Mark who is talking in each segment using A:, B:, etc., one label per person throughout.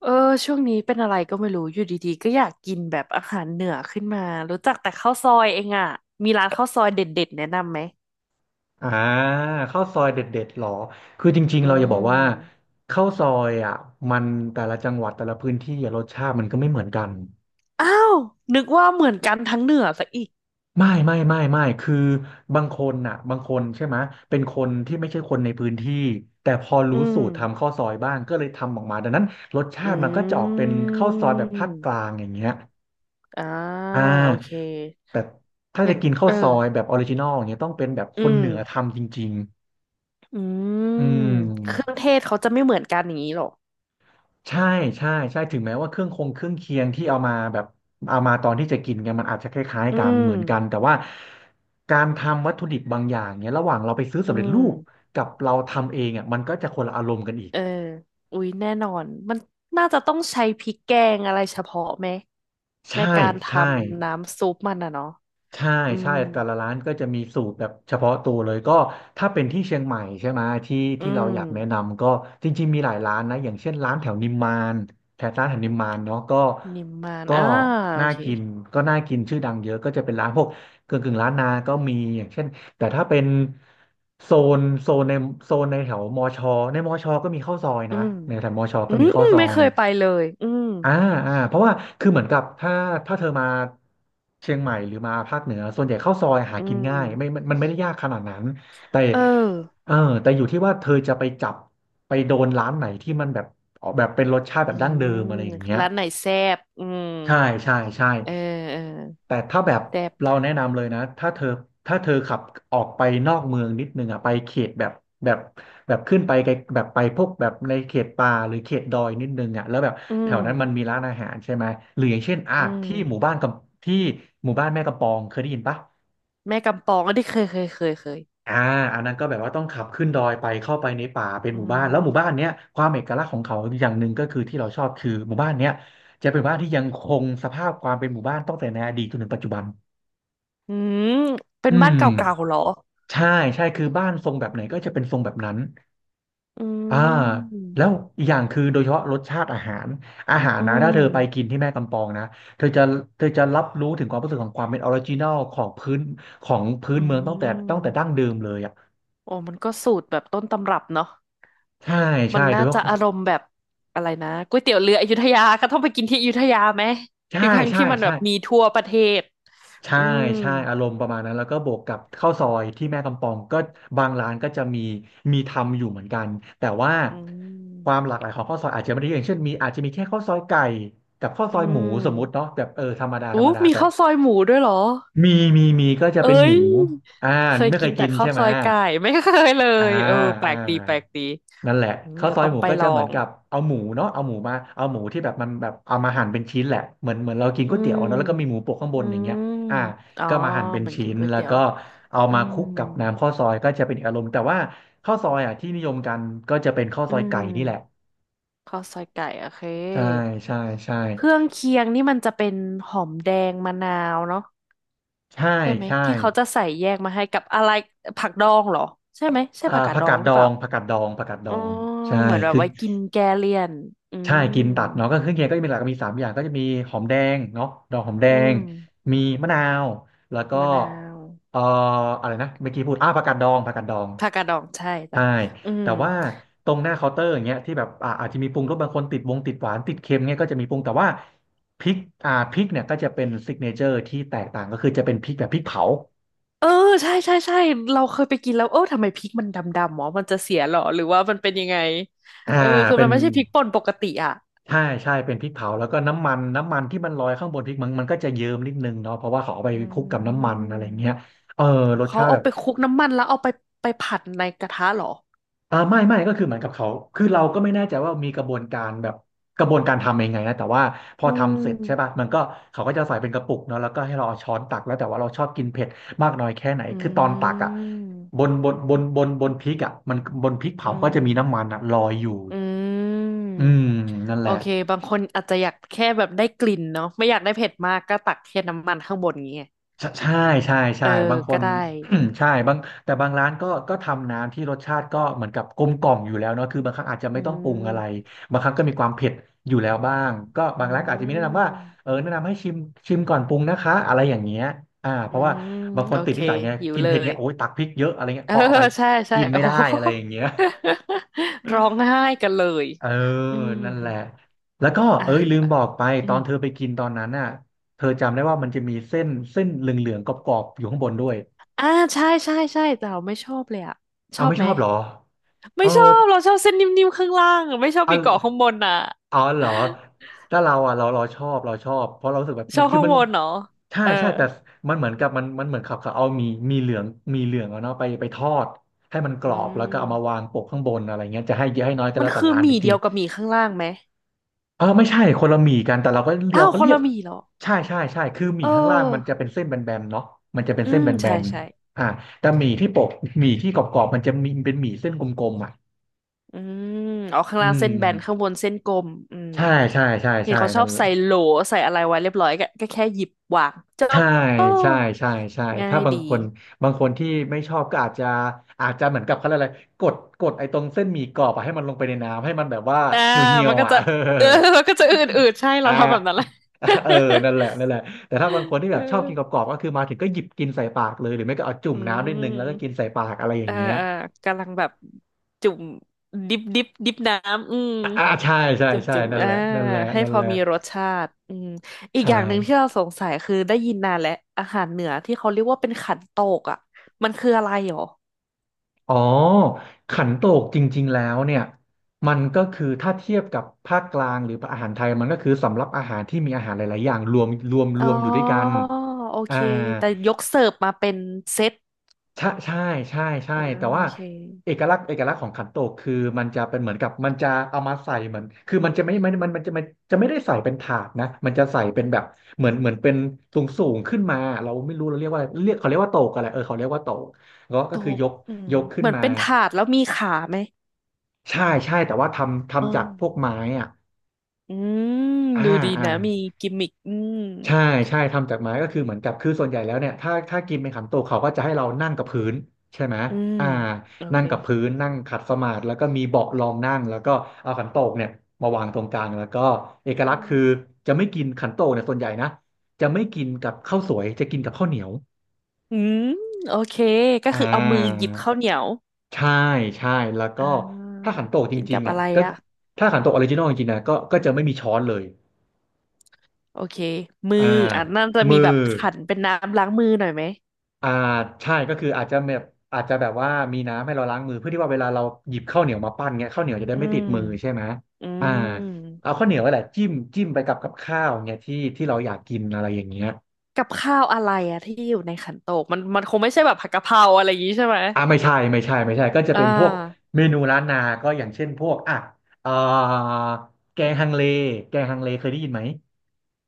A: เออช่วงนี้เป็นอะไรก็ไม่รู้อยู่ดีๆก็อยากกินแบบอาหารเหนือขึ้นมารู้จักแต่ข้าวซอยเองอ่ะมีร้านข้าวซอยเด็ดๆแนะนำไหม
B: อ่าข้าวซอยเด็ดๆหรอคือจริง
A: อื
B: ๆเราจะบอกว่า
A: ม
B: ข้าวซอยมันแต่ละจังหวัดแต่ละพื้นที่อะรสชาติมันก็ไม่เหมือนกัน
A: อ้าวนึกว่าเหมือนกันทั้งเหนือซะอีก
B: ไม่คือบางคนบางคนใช่ไหมยเป็นคนที่ไม่ใช่คนในพื้นที่แต่พอ
A: อื
B: รู้สู
A: ม
B: ตรทำข้าวซอยบ้างก็เลยทำออกมาดังนั้นรสชา
A: อื
B: ติมันก็จะออกเป็นข้าวซอยแบบภาคกลา
A: ม
B: งอย่างเงี้ย
A: อ่า
B: อ่า
A: โอเค
B: แต่ถ้า
A: งั้
B: จะ
A: น
B: กินข้า
A: เอ
B: ว
A: อ
B: ซอยแบบออริจินอลอย่างเงี้ยต้องเป็นแบบค
A: อื
B: น
A: ม
B: เหนือทำจริงๆ
A: อื
B: อื
A: ม
B: ม
A: เครื่องเทศเขาจะไม่เหมือนกันอย่างนี้หรอ
B: ใช่ใช่ใช่ถึงแม้ว่าเครื่องเคียงที่เอามาแบบเอามาตอนที่จะกินกันมันอาจจะคล้าย
A: อื
B: ๆกันเห
A: ม
B: มือนกันแต่ว่าการทำวัตถุดิบบางอย่างเนี้ยระหว่างเราไปซื้อ
A: อื
B: สำเร็จรู
A: ม
B: ปกับเราทำเองมันก็จะคนละอารมณ์กันอีก
A: เอออุ๊ยแน่นอนมันน่าจะต้องใช้พริกแกงอะไรเฉพาะไหม ใน
B: ใช่
A: การท
B: ใช่
A: ำน้ำซุปมันอะเนาะ
B: ใช่
A: อื
B: ใช่
A: ม
B: แต่ละร้านก็จะมีสูตรแบบเฉพาะตัวเลยก็ถ้าเป็นที่เชียงใหม่ใช่ไหมที่
A: อื
B: ที่เรา
A: ม
B: อยากแนะนำก็จริงๆมีหลายร้านนะอย่างเช่นร้านแถวนิมมานแถวนิมมานเนาะก็
A: นิมมาน
B: ก็
A: อ่าโอ
B: น่า
A: เค
B: กินก็น่ากินชื่อดังเยอะก็จะเป็นร้านพวกกึ่งร้านนาก็มีอย่างเช่นแต่ถ้าเป็นโซนโซนในโซนในแถวมอชอในมอชอก็มีข้าวซอย
A: อื
B: นะ
A: ม
B: ในแถวมอชอ
A: อื
B: ก็มี
A: ม
B: ข้าวซอ
A: ไม่เค
B: ย
A: ยไปเลยอืม
B: อ่าเพราะว่าคือเหมือนกับถ้าเธอมาเชียงใหม่หรือมาภาคเหนือส่วนใหญ่ข้าวซอยหา
A: อื
B: กินง่ายไม่
A: ม
B: มันไม่ได้ยากขนาดนั้นแต่
A: เออ
B: เออแต่อยู่ที่ว่าเธอจะไปจับไปโดนร้านไหนที่มันแบบออกแบบเป็นรสชาติแบ
A: อื
B: บดั้งเดิ
A: ม
B: มอะไรอย่างเงี้ย
A: ร้านไหนแซ่บอืม
B: ใช่ใช่ใช่
A: เออเออ
B: แต่ถ้าแบบ
A: แซ่บ
B: เราแนะนำเลยนะถ้าเธอขับออกไปนอกเมืองนิดนึงไปเขตแบบแบบขึ้นไปไกลแบบไปพวกแบบในเขตป่าหรือเขตดอยนิดนึงแล้วแบบ
A: อื
B: แถ
A: ม
B: วนั้นมันมีร้านอาหารใช่ไหมหรืออย่างเช่น
A: อืม
B: ที่หมู่บ้านกับที่หมู่บ้านแม่กำปองเคยได้ยินปะ
A: แม่กำปองอันนี้เคย
B: อ่าอันนั้นก็แบบว่าต้องขับขึ้นดอยไปเข้าไปในป่าเป็น
A: อื
B: หมู่บ้านแล้วหมู่
A: ม
B: บ้านเนี้ยความเอกลักษณ์ของเขาอย่างหนึ่งก็คือที่เราชอบคือหมู่บ้านเนี้ยจะเป็นหมู่บ้านที่ยังคงสภาพความเป็นหมู่บ้านตั้งแต่ในอดีตจนถึงปัจจุบัน
A: อืมเป็
B: อื
A: นบ้านเก่า
B: ม
A: ๆเหรอ
B: ใช่คือบ้านทรงแบบไหนก็จะเป็นทรงแบบนั้น
A: อื
B: อ่า
A: ม
B: แล้วอีกอย่างคือโดยเฉพาะรสชาติอาหารอาหาร
A: อื
B: นะถ้า
A: ม
B: เธอไปกินที่แม่กำปองนะเธอจะรับรู้ถึงความรู้สึกของความเป็นออริจินอลของพื้นของพื้
A: อื
B: นเมืองตั้งแต่
A: ม
B: ดั้งเดิมเลย
A: โอ้มันก็สูตรแบบต้นตำรับเนาะ
B: ใช่
A: มั
B: ใช่
A: น
B: โด
A: น่า
B: ยเฉ
A: จะ
B: พาะ
A: อารมณ์แบบอะไรนะก๋วยเตี๋ยวเรืออยุธยาก็ต้องไปกินที่อยุธยาไหม
B: ใช่
A: ถึงทั้ง
B: ใช่
A: ที่มันแบ
B: ใช่
A: บมีทั่วประเทศ
B: ใช่
A: อืม
B: ใช่อารมณ์ประมาณนั้นแล้วก็บวกกับข้าวซอยที่แม่กำปองก็บางร้านก็จะมีทำอยู่เหมือนกันแต่ว่า
A: อื
B: ความ
A: ม
B: หลากหลายของข้าวซอยอาจจะไม่ได้เยอะอย่างเช่นมีอาจจะมีแค่ข้าวซอยไก่กับข้าว
A: อื
B: ซอยหมูสมมุติ
A: ม
B: เนาะแบบเออธรรมดาธรร
A: อู้
B: มดา
A: มี
B: แต่
A: ข้าวซอยหมูด้วยเหรอ
B: มีก็จะ
A: เอ้
B: เป็นห
A: ย
B: มูอ่า
A: เคย
B: ไม่เค
A: กิน
B: ย
A: แต่
B: กิน
A: ข้าว
B: ใช่
A: ซ
B: ไหม
A: อยไก่ไม่เคยเล
B: อ่า
A: ยเออแปล
B: อ่า
A: กดีแปลกดี
B: นั่นแหละ
A: อืม
B: ข้าว
A: เดี๋ย
B: ซ
A: ว
B: อย
A: ต้อง
B: หมู
A: ไป
B: ก็
A: ล
B: จะ
A: อ
B: เหมือน
A: ง
B: กับเอาหมูเนาะเอาหมูมาเอาหมูที่แบบมันแบบเอามาหั่นเป็นชิ้นแหละเหมือนเรากิน
A: อื
B: ก๋วยเตี๋ยว
A: ม
B: เนาะแล้วก็มีหมูโปะข้างบ
A: อื
B: นอย่างเงี้ย
A: ม
B: อ่า
A: อ๋อ
B: ก็มาหั่นเป็น
A: เหมันกิ
B: ชิ้
A: น
B: น
A: ก๋วย
B: แล้ว
A: เตี๋ยว
B: ก็เอา
A: อื
B: มาค
A: ม
B: ลุกกับน้ำข้าวซอยก็จะเป็นอีกอารมณ์แต่ว่าข้าวซอยที่นิยมกันก็จะเป็นข้าว
A: อื
B: ซอยไก่นี่แหละ
A: มข้าวซอยไก่โอเค
B: ใช่ใช่ใช่
A: เครื่องเคียงนี่มันจะเป็นหอมแดงมะนาวเนาะ
B: ใช่
A: ใช่ไหม
B: ใช่
A: ที่เขาจะใส่แยกมาให้กับอะไรผักดองเหรอใช่ไหมใช่ผักกาด
B: ผั
A: ด
B: ก
A: อ
B: กา
A: ง
B: ด
A: ห
B: ด
A: รือ
B: อ
A: เปล่า
B: งผักกาดดองผักกาดด
A: อ๋อ
B: องใช่
A: เหมือนแบบ
B: คือ
A: ไว้กินแกเลี่ยนอื
B: ใช่
A: ม
B: กินตัดเนาะก็เครื่องเคียงก็จะมีหลักมีสามอย่างก็จะมีหอมแดงเนาะดอกหอมแด
A: อื
B: ง
A: ม
B: มีมะนาวแล้วก็
A: มะนาว
B: เอ่ออะไรนะเมื่อกี้พูดผักกาดดอง
A: ผักกาดดองใช่จ้ะ
B: ใช่
A: อืม
B: แต่ว่าตรงหน้าเคาน์เตอร์อย่างเงี้ยที่แบบอาจจะมีปรุงรสบางคนติดวงติดหวานติดเค็มเงี้ยก็จะมีปรุงแต่ว่าพริกพริกเนี่ยก็จะเป็นซิกเนเจอร์ที่แตกต่างก็คือจะเป็นพริกแบบพริกเผา
A: เออใช่ใช่ใช่เราเคยไปกินแล้วเออทำไมพริกมันดำดำหมอมันจะเสียเหรอหรือว่ามันเป็นยังไง
B: อ่า
A: เออคือ
B: เป็
A: มัน
B: น
A: ไม่ใช่พริกป่นปกติอ่ะ
B: ใช่ใช่เป็นพริกเผาแล้วก็น้ำมันที่มันลอยข้างบนพริกมันก็จะเยิ้มนิดนึงเนาะเพราะว่าเขาเอาไป
A: อื
B: คลุกกับน้ำมันอะไรเงี้ย
A: ม
B: เออรส
A: เขา
B: ชาติ
A: เอา
B: แบบ
A: ไปคลุกน้ำมันแล้วเอาไปไปผัดในกระทะเหรอ
B: ไม่ก็คือเหมือนกับเขาคือเราก็ไม่แน่ใจว่ามีกระบวนการแบบกระบวนการทำยังไงนะแต่ว่าพอ
A: อื
B: ทำเสร็จใช่ป่ะ
A: ม
B: มันก็เขาก็จะใส่เป็นกระปุกเนาะแล้วก็ให้เราเอาช้อนตักแล้วแต่ว่าเราชอบกินเผ็ดมากน้อยแค่ไหน
A: อื
B: คือตอนตักอ่ะ
A: ม
B: บนพริกอ่ะมันบนพริก
A: อื
B: เผาก็
A: ม
B: จะมีน้ำมันอ่ะลอยอยู่
A: อื
B: อื
A: ม
B: มนั่นแห
A: โอ
B: ละ
A: เคบางคนอาจจะอยากแค่แบบได้กลิ่นเนาะไม่อยากได้เผ็ดมากก็ตักแค่น้ำมันข้างบนอย่างเงี้ย
B: ใช่ใช่ใช่
A: เอ
B: ใช่
A: อ
B: บางค
A: ก็
B: น
A: ได้
B: ใช่บางแต่บางร้านก็ทำน้ำที่รสชาติก็เหมือนกับกลมกล่อมอยู่แล้วเนาะคือบางครั้งอาจจะ
A: อื
B: ไม่ต้องปรุงอะไร
A: ม
B: บางครั้งก็มีความเผ็ดอยู่แล้วบ้างก็
A: อื
B: บางร้านก็อาจจะมีแนะนำว่า
A: ม
B: เออแนะนำให้ชิมก่อนปรุงนะคะอะไรอย่างเงี้ยอ่าเพ
A: อื
B: ราะว่า
A: ม
B: บางค
A: โอ
B: นติด
A: เค
B: นิสัยไง
A: หิว
B: กิน
A: เล
B: เผ็ดไง
A: ย
B: โอ๊ยตักพริกเยอะอะไรเงี้ย
A: เออ
B: พอเอาไป
A: ใช่ใช่
B: กิน
A: โอ้
B: ไม่
A: โห
B: ได้อะไรอย่างเงี้ย
A: ร้องไห้กันเลย
B: เออ
A: อืม
B: นั่นแหละแล้วก็
A: อ่ะ
B: เอ้ยลืมบอกไป
A: อื
B: ตอ
A: ม
B: นเธอไปกินตอนนั้นน่ะเธอจำได้ว่ามันจะมีเส้นเหลืองๆกรอบๆอยู่ข้างบนด้วย
A: อ่าใช่ใช่ใช่แต่เราไม่ชอบเลยอะ ช
B: เอา
A: อบ
B: ไม่
A: ไห
B: ช
A: ม
B: อบเหรอเอ
A: ไม่
B: อ
A: ชอบเราชอบเส้นนิ่มๆข้างล่างอะไม่ชอบ
B: เอา
A: มีเกาะข้างบนอ่ะ
B: เอาเหรอถ้าเราอ่ะเราชอบเราชอบเพราะเรารู้สึกแบบ
A: ชอ
B: มัน
A: บ
B: คือ
A: ข้าง
B: มัน
A: บนเนาะ
B: ใช่
A: เออ
B: ใช่แต่มันเหมือนกับมันเหมือนเขาเอามีมีเหลืองมีเหลืองเอาเนาะไปทอดให้มันก
A: อื
B: รอบแล้วก็
A: ม
B: เอามาวางโปะข้างบนอะไรเงี้ยจะให้เยอะให้น้อยก็
A: มั
B: แล้
A: น
B: วแต่
A: คือ
B: ร้า
A: ห
B: นอี
A: มี่
B: กที
A: เดียวกับหมี่ข้างล่างไหม
B: เออไม่ใช่คนละหมี่กันแต่เราก็
A: อ้า
B: เรา
A: ว
B: ก็
A: คน
B: เรียก
A: ละหมี่เหรอ
B: ใช่ใช่ใช่คือห
A: เ
B: มี่ข้างล่างมันจะ
A: ออ
B: เป็นเส้นแบนๆเนาะมันจะเป็น
A: อื
B: เส้น
A: ม
B: แบ
A: ใช่
B: น
A: ใช่
B: ๆอ่าแต่หมี่ที่ปกหมี่ที่กรอบๆมันจะมีเป็นหมี่เส้นกลมๆอ่ะ
A: อืมเอาข้าง
B: อื
A: ล่างเส้นแบนข้าง
B: ม
A: บนเส้นกลมอืม
B: ใช่ใช่ใช่
A: เห็น
B: ใช่
A: เขาชอ
B: นั่น
A: บ
B: เล
A: ใส่
B: ย
A: โหลใส่อะไรไว้เรียบร้อยก็ก็แค่หยิบวางจ
B: ใช่
A: บเออ
B: ใช่ใช่ใช่
A: ง่า
B: ถ้า
A: ย
B: บาง
A: ดี
B: คนบางคนที่ไม่ชอบก็อาจจะอาจจะเหมือนกับเขาเรียกอะไรกดไอ้ตรงเส้นหมี่กรอบอะให้มันลงไปในน้ำให้มันแบบว่า
A: อ่า
B: เหี่ยวเหี่ย
A: มั
B: ว
A: นก็
B: อ่ะ
A: จะ
B: เออ
A: เออ มันก็จะอืดๆใช่เรา
B: อ่า
A: ทำแบบนั้นแหละ
B: เออนั่นแหละนั่นแหละแต่ถ้าบางคนที่
A: เอ
B: แบบชอบกินก
A: อ
B: รอบๆก็คือมาถึงก็หยิบกินใส่ปากเลยหรือไม่ก็เอาจุ่
A: อื
B: มน้ำนิดนึงแล้วก็กิน
A: ม
B: ใส่ปากอะไรอย่า
A: อ่า
B: งเงี้ย
A: อ่ากำลังแบบจุ่มดิบน้ำอืม
B: อ่าใช่ใช่
A: จุ่ม
B: ใช่
A: จุ่ม
B: นั่น
A: อ่า
B: แหละนั่นแหละ
A: ให้
B: นั่
A: พ
B: น
A: อ
B: แหละ
A: มีรสชาติอืมอีก
B: ใช่
A: อย่างหนึ่งที่เราสงสัยคือได้ยินนานแล้วอาหารเหนือที่เขาเรียกว่าเป็นขันโตกอ่ะ มันคืออะไรหรอ
B: อ๋อขันโตกจริงๆแล้วเนี่ยมันก็คือถ้าเทียบกับภาคกลางหรืออาหารไทยมันก็คือสำรับอาหารที่มีอาหารหลายๆอย่างรวมรวมร
A: อ๋อ
B: วมอยู่ด้วยกัน
A: โอ
B: อ่า
A: เค แต่ยกเสิร์ฟมาเป็นเซต
B: ใช่ใช่ใช่ใช่
A: อ่า
B: แต่
A: โอ
B: ว่า
A: เค
B: เอกลักษณ์ของขันโตกคือมันจะเป็นเหมือนกับมันจะเอามาใส่เหมือนคือมันจะไม่มันจะไม่ได้ใส่เป็นถาดนะมันจะใส่เป็นแบบเหมือนเป็นสูงขึ้นมาเราไม่รู้เราเรียกว่าเรียกเขาเรียกว่าโตกอะไรเออเขาเรียกว่าโตกก็
A: โต
B: ก็คือ
A: ก
B: ยก
A: อืม
B: ยกขึ้
A: เห
B: น
A: มือน
B: มา
A: เป็นถาดแล้วมีขาไหม
B: ใช่ใช่แต่ว่าทำ
A: อ่
B: ทำจากพวก
A: า
B: ไม้อ่ะ
A: อืม
B: อ่า
A: ดูดี
B: อ่า
A: นะมีกิมมิคอืม
B: ใช่ใช่ทำจากไม้ก็คือเหมือนกับคือส่วนใหญ่แล้วเนี่ยถ้ากินเป็นขันโตกเขาก็จะให้เรานั่งกับพื้นใช่ไหม
A: อืม
B: อ่า
A: โอ
B: นั่
A: เค
B: งกับพื้นนั่งขัดสมาธิแล้วก็มีเบาะรองนั่งแล้วก็เอาขันโตกเนี่ยมาวางตรงกลางแล้วก็เอก
A: อื
B: ลักษณ์
A: ม
B: คือจะไม่กินขันโตกเนี่ยส่วนใหญ่นะจะไม่กินกับข้าวสวยจะกินกับข้าวเหนียว
A: อืมโอเคก็
B: อ่
A: คือเอามือห
B: า
A: ยิบข้าวเหนียว
B: ใช่ใช่แล้วก็
A: อ่
B: ถ้า
A: า
B: ขันโตกจ
A: กิน
B: ริ
A: กั
B: ง
A: บ
B: ๆเนี่
A: อะ
B: ย
A: ไร
B: ก็
A: อ่ะ
B: ถ้าขันโตกออริจินอลจริงๆนะก็จะไม่มีช้อนเลย
A: โอเคมื
B: อ่า
A: ออ่ะนั่นจะมี
B: มื
A: แบ
B: อ
A: บขันเป็นน้ำล้างมือหน่อยไหม
B: อ่าใช่ก็คืออาจจะแบบอาจจะแบบว่ามีน้ำให้เราล้างมือเพื่อที่ว่าเวลาเราหยิบข้าวเหนียวมาปั้นเงี้ยข้าวเหนียวจะได้
A: อื
B: ไม่
A: ม
B: ติดมือใช่ไหม
A: อื
B: อ่า
A: ม
B: เอาข้าวเหนียวไว้แหละจิ้มไปกับกับข้าวเงี้ยที่เราอยากกินอะไรอย่างเงี้ย
A: กับข้าวอะไรอ่ะที่อยู่ในขันโตกมันมันคงไม่ใช่แบบผัดกะเพราอะไรอย่างงี้ใช่ไหม
B: ไม่ใช่ก็จะ
A: อ่า
B: เป็นพวกเมนูล้านนาก็อย่างเช่นพวกอ่ะเอ่อแกงฮังเลแกงฮังเลเคยได้ยินไหม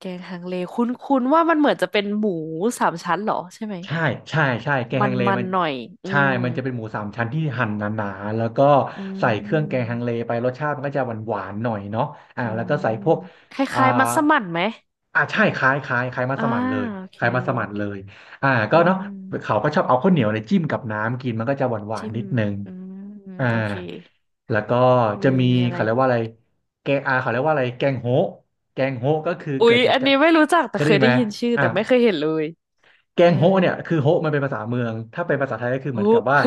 A: แกงฮังเลคุ้นคุ้นว่ามันเหมือนจะเป็นหมูสามชั้นเหรอใช่ไหม
B: ใช่ใช่ใช่แกง
A: มั
B: ฮั
A: น
B: งเล
A: มัน
B: มัน
A: หน่อยอื
B: ใช่
A: ม
B: มันจะเป็นหมูสามชั้นที่หั่นหนาๆแล้วก็
A: อื
B: ใส่เครื่องแกง
A: ม
B: ฮังเลไปรสชาติมันก็จะหวานๆหน่อยเนาะอ่า
A: อื
B: แล้ว
A: ม
B: ก็ใส่พวก
A: ค
B: อ่า
A: ล้ายๆมัสมั่นไหม
B: อ่าใช่คล้ายมั
A: อ่า
B: สมั่นเลย
A: โอเค
B: คล้ายมัสมั่นเลยอ่า
A: อื
B: ก็เนาะเขา
A: ม
B: ก็ชอบเอาข้าวเหนียวเนี่ยจิ้มกับน้ำกินมันก็จะหวาน
A: จิ้
B: ๆ
A: ม
B: นิดนึง
A: อืม
B: อ่า
A: โอเค
B: แล้วก็จะ
A: มี
B: มี
A: อะไร
B: เขาเรียกว่าอะไรแกงอาเขาเรียกว่าอะไรแกงโฮะแกงโฮะก็คือ
A: อุ๊
B: เกิ
A: ย
B: ดจาก
A: อัน
B: กะ
A: นี้ไม่รู้จัก
B: เค
A: แต่
B: ย
A: เค
B: ได้
A: ย
B: ยิน
A: ได้
B: ไหม
A: ยินชื่อ
B: อ่า
A: แต่ไม่เคยเห็นเลย
B: แก
A: เออ
B: งโฮะเนี่ยคือโฮะมันเป็นภาษาเมืองถ้าเป็นภาษาไทยก็คือเห
A: โอ้
B: มือนกับว่า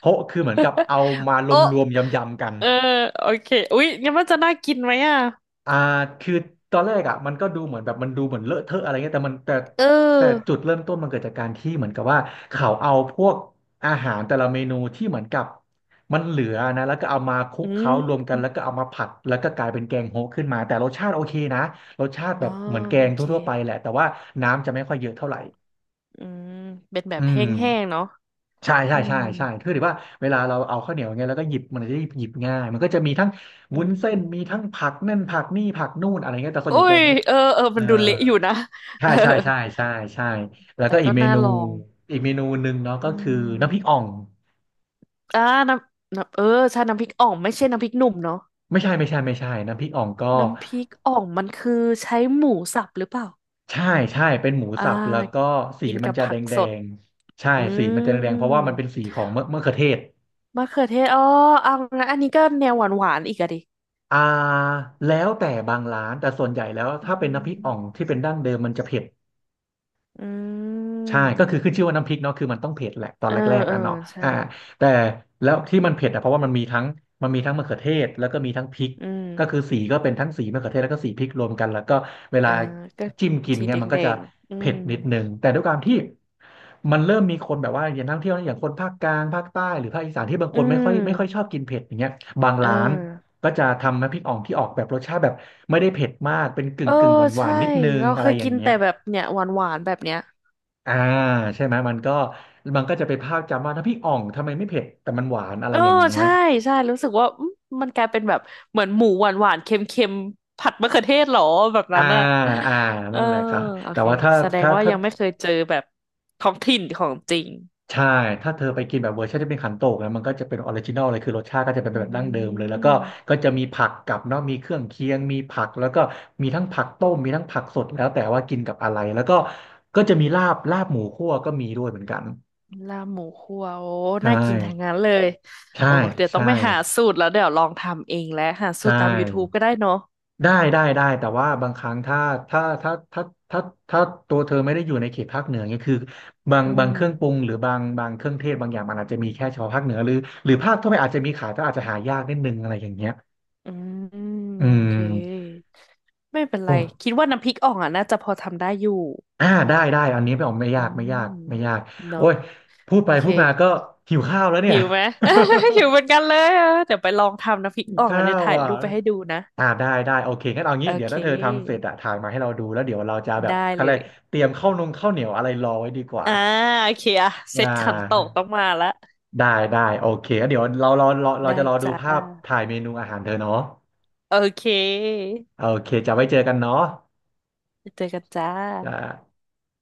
B: โฮะคือเหมือนกับเอา มาร
A: โอะ
B: วมๆยำๆกัน
A: เออโอเคอุ๊ยงั้นมันจะน่ากินไหมอ่ะ
B: อ่าคือตอนแรกอ่ะมันก็ดูเหมือนแบบมันดูเหมือนเลอะเทอะอะไรเงี้ยแต่มันแต่
A: เ
B: แต่
A: ออ
B: จุดเริ่มต้นมันเกิดจากการที่เหมือนกับว่าเขาเอาพวกอาหารแต่ละเมนูที่เหมือนกับมันเหลือนะแล้วก็เอามาคลุ
A: อื
B: กเคล้ารว
A: ม
B: มกันแล้วก็เอามาผัดแล้วก็กลายเป็นแกงโฮะขึ้นมาแต่รสชาติโอเคนะรสชาติ
A: อ๋
B: แบ
A: อ
B: บเหมือนแก
A: โอ
B: ง
A: เค
B: ทั่วๆไปแหละแต่ว่าน้ำจะไม่ค่อยเยอะเท่าไหร่
A: อืมเป็นแบ
B: อื
A: บแห้งๆ
B: ม
A: เนาะ
B: ใช่ใช่
A: อืม
B: ใช่ใช่คือถือว่าเวลาเราเอาข้าวเหนียวอย่างเงี้ยแล้วก็หยิบมันจะได้หยิบง่าย มันก็จะมีทั้ง
A: อื
B: วุ้นเส้น
A: ม
B: มีทั้งผักนั่นผักนี่ผักนู่นอะไรเงี้ยแต่ส่วนให
A: อุ้
B: ญ่แก
A: ย
B: งเขา
A: เออเออ
B: เอ
A: มั
B: อ
A: นดูเละอยู่นะ เอ
B: ใช่
A: อ
B: ใช่ใช่ใช่ใช่แล้ว
A: แต่
B: ก็อี
A: ก็
B: กเม
A: น่า
B: นู
A: ลอง
B: อีกเมนูหนึ่งเนาะ
A: อื
B: ก็คือน้ำพริก
A: ม
B: อ่อง
A: อ่าน้ำน้ำเออใช่น้ำพริกอ่องไม่ใช่น้ำพริกหนุ่มเนาะ
B: ไม่ใช่ไม่ใช่ไม่ใช่น้ำพริกอ่องก็
A: น้ำพริกอ่องมันคือใช้หมูสับหรือเปล่า
B: ใช่ใช่เป็นหมู
A: อ่
B: สับแล้วก็
A: า
B: สี
A: กิน
B: มั
A: กั
B: น
A: บ
B: จะ
A: ผั
B: แด
A: ก
B: งแด
A: สด
B: งใช่
A: อื
B: สีมันจะแดงแดงเพราะว่า
A: ม
B: มันเป็นสีของมะเขือเทศ
A: มะเขือเทศอ๋อเอางั้นอันนี้ก็แนวหวานหวานอีกอะดิ
B: อ่าแล้วแต่บางร้านแต่ส่วนใหญ่แล้ว
A: อื
B: ถ้าเป็นน้ำพริกอ่อง
A: ม
B: ที่เป็นดั้งเดิมมันจะเผ็ด
A: อื
B: ใช่
A: ม
B: ก็คือขึ้นชื่อว่าน้ำพริกเนาะคือมันต้องเผ็ดแหละตอน
A: เออ
B: แรก
A: เอ
B: ๆ
A: อ
B: อ่ะเนาะ
A: ใช่
B: อ่าแต่แล้วที่มันเผ็ดอ่ะเพราะว่ามันมีทั้งมะเขือเทศแล้วก็มีทั้งพริก
A: อืม
B: ก็คือสีก็เป็นทั้งสีมะเขือเทศแล้วก็สีพริกรวมกันแล้วก็เว
A: เอ
B: ลา
A: อก็
B: จิ้มกิน
A: สี
B: เนี่
A: แด
B: ย
A: ง
B: มันก็
A: แด
B: จะ
A: งอื
B: เผ็
A: ม
B: ดนิดนึงแต่ด้วยความที่มันเริ่มมีคนแบบว่าอย่างนักท่องเที่ยวอย่างคนภาคกลางภาคใต้หรือภาคอีสานที่บาง
A: อื
B: คนไม่ค่อยช
A: ม
B: อบกินเผ็ดอย่างเงี้ยบาง
A: เออ
B: ร้านก็จะทำน้ำพริกอ่องที่ออกแบบรสชาติแบบไม่ได้เผ็ดมากเป็น
A: เออ
B: กึ่งหวา
A: ใช่
B: นๆนนิดนึง
A: เราเค
B: อะไร
A: ย
B: อย่า
A: กิ
B: ง
A: น
B: เงี้
A: แต่
B: ย
A: แบบเนี่ยหวานหวานแบบเนี้ย
B: อ่าใช่ไหมมันก็จะเป็นภาพจำว่าน้ำพริกอ่องทำไมไม่เผ็ดแต่มันหวานอะ
A: เอ
B: ไร
A: อ
B: อย่างเงี้ย
A: ใช่ใช่รู้สึกว่าอืมมันกลายเป็นแบบเหมือนหมูหวานหวานเค็มเค็มๆผัดมะเขือเทศเหรอแบบนั้
B: อ่า
A: นอะ
B: อ่า
A: เออ
B: นั่นแหละครับ
A: โอ
B: แต่
A: เค
B: ว่า
A: แสดงว่า
B: ถ้า
A: ยังไม่เคยเจอแบบท้องถิ่นของจริง
B: ใช่ถ้าเธอไปกินแบบเวอร์ชันที่เป็นขันโตกนะมันก็จะเป็นออริจินอลเลยคือรสชาติก็จะเป็น
A: อื
B: แบบดั้งเดิมเลยแล้วก็
A: ม
B: ก็จะมีผักกับเนาะมีเครื่องเคียงมีผักแล้วก็มีทั้งผักต้มมีทั้งผักสดแล้วแต่ว่ากินกับอะไรแล้วก็ก็จะมีลาบหมูคั่วก็มีด้วยเหมือนกัน
A: ลาบหมูคั่วโอ้
B: ใช่
A: น่ากินทั้งนั้นเลย
B: ใช่
A: โอ้เดี๋ยวต้อง
B: ใช่
A: ไปหาสูตรแล้วเดี๋ยวลองทำเองแล้วหาสู
B: ใช่
A: ตรตาม YouTube ก็ได้เนาะ
B: ได้ได้ได้แต่ว่าบางครั้งถ้าถ้าถ้าถ้าถ้าตัวเธอไม่ได้อยู่ในเขตภาคเหนือเนี่ยคือ
A: อื
B: บาง
A: ม
B: เครื่องปรุงหรือบางเครื่องเทศบางอย่างมันอาจจะมีแค่เฉพาะภาคเหนือหรือภาคทั่วไปอาจจะมีขายแต่อาจจะหายากนิดนึงอะไรอย่างเงี้ย
A: อืม
B: อื
A: โอเค
B: ม
A: ไม่เป็นไร
B: โอ้
A: คิดว่าน้ำพริกอ่องอ่ะน่าจะพอทำได้อยู่
B: อ่าได้ได้อันนี้ไม่ออก
A: อืม
B: ไม่ยากโอ้
A: เนาะ
B: ยพูดไป
A: โอเค
B: พูดมาก็หิวข้าวแล้วเนี่ย
A: หิวไหม หิวเห มือนกันเลยอะเดี๋ยวไปลองทำน้ำพริกอ่อง
B: ข้า
A: แล้วเดี๋ยว
B: ว
A: ถ่าย
B: อ่ะ
A: รูปไปให้ดูนะ
B: อ่าได้ได้โอเคงั้นเอา
A: โอ
B: งี้เดี๋ยว
A: เค
B: ถ้าเธอทำเสร็จอะถ่ายมาให้เราดูแล้วเดี๋ยวเราจะแบบ
A: ได้
B: อะ
A: เล
B: ไร
A: ย
B: เตรียมข้าวนงข้าวเหนียวอะไรรอไว้ดีกว่า
A: อ่าโอเคอะเซ
B: อ่
A: ตขันโตก
B: า
A: ต้องมาละ
B: ได้ได้โอเคงั้นเดี๋ยวเรา
A: ได้
B: จะรอดู
A: จ้า
B: ภาพถ่ายเมนูอาหารเธอเนาะ
A: โอเค
B: โอเคจะไว้เจอกันเนาะ
A: เจอกันจ้า
B: จ้า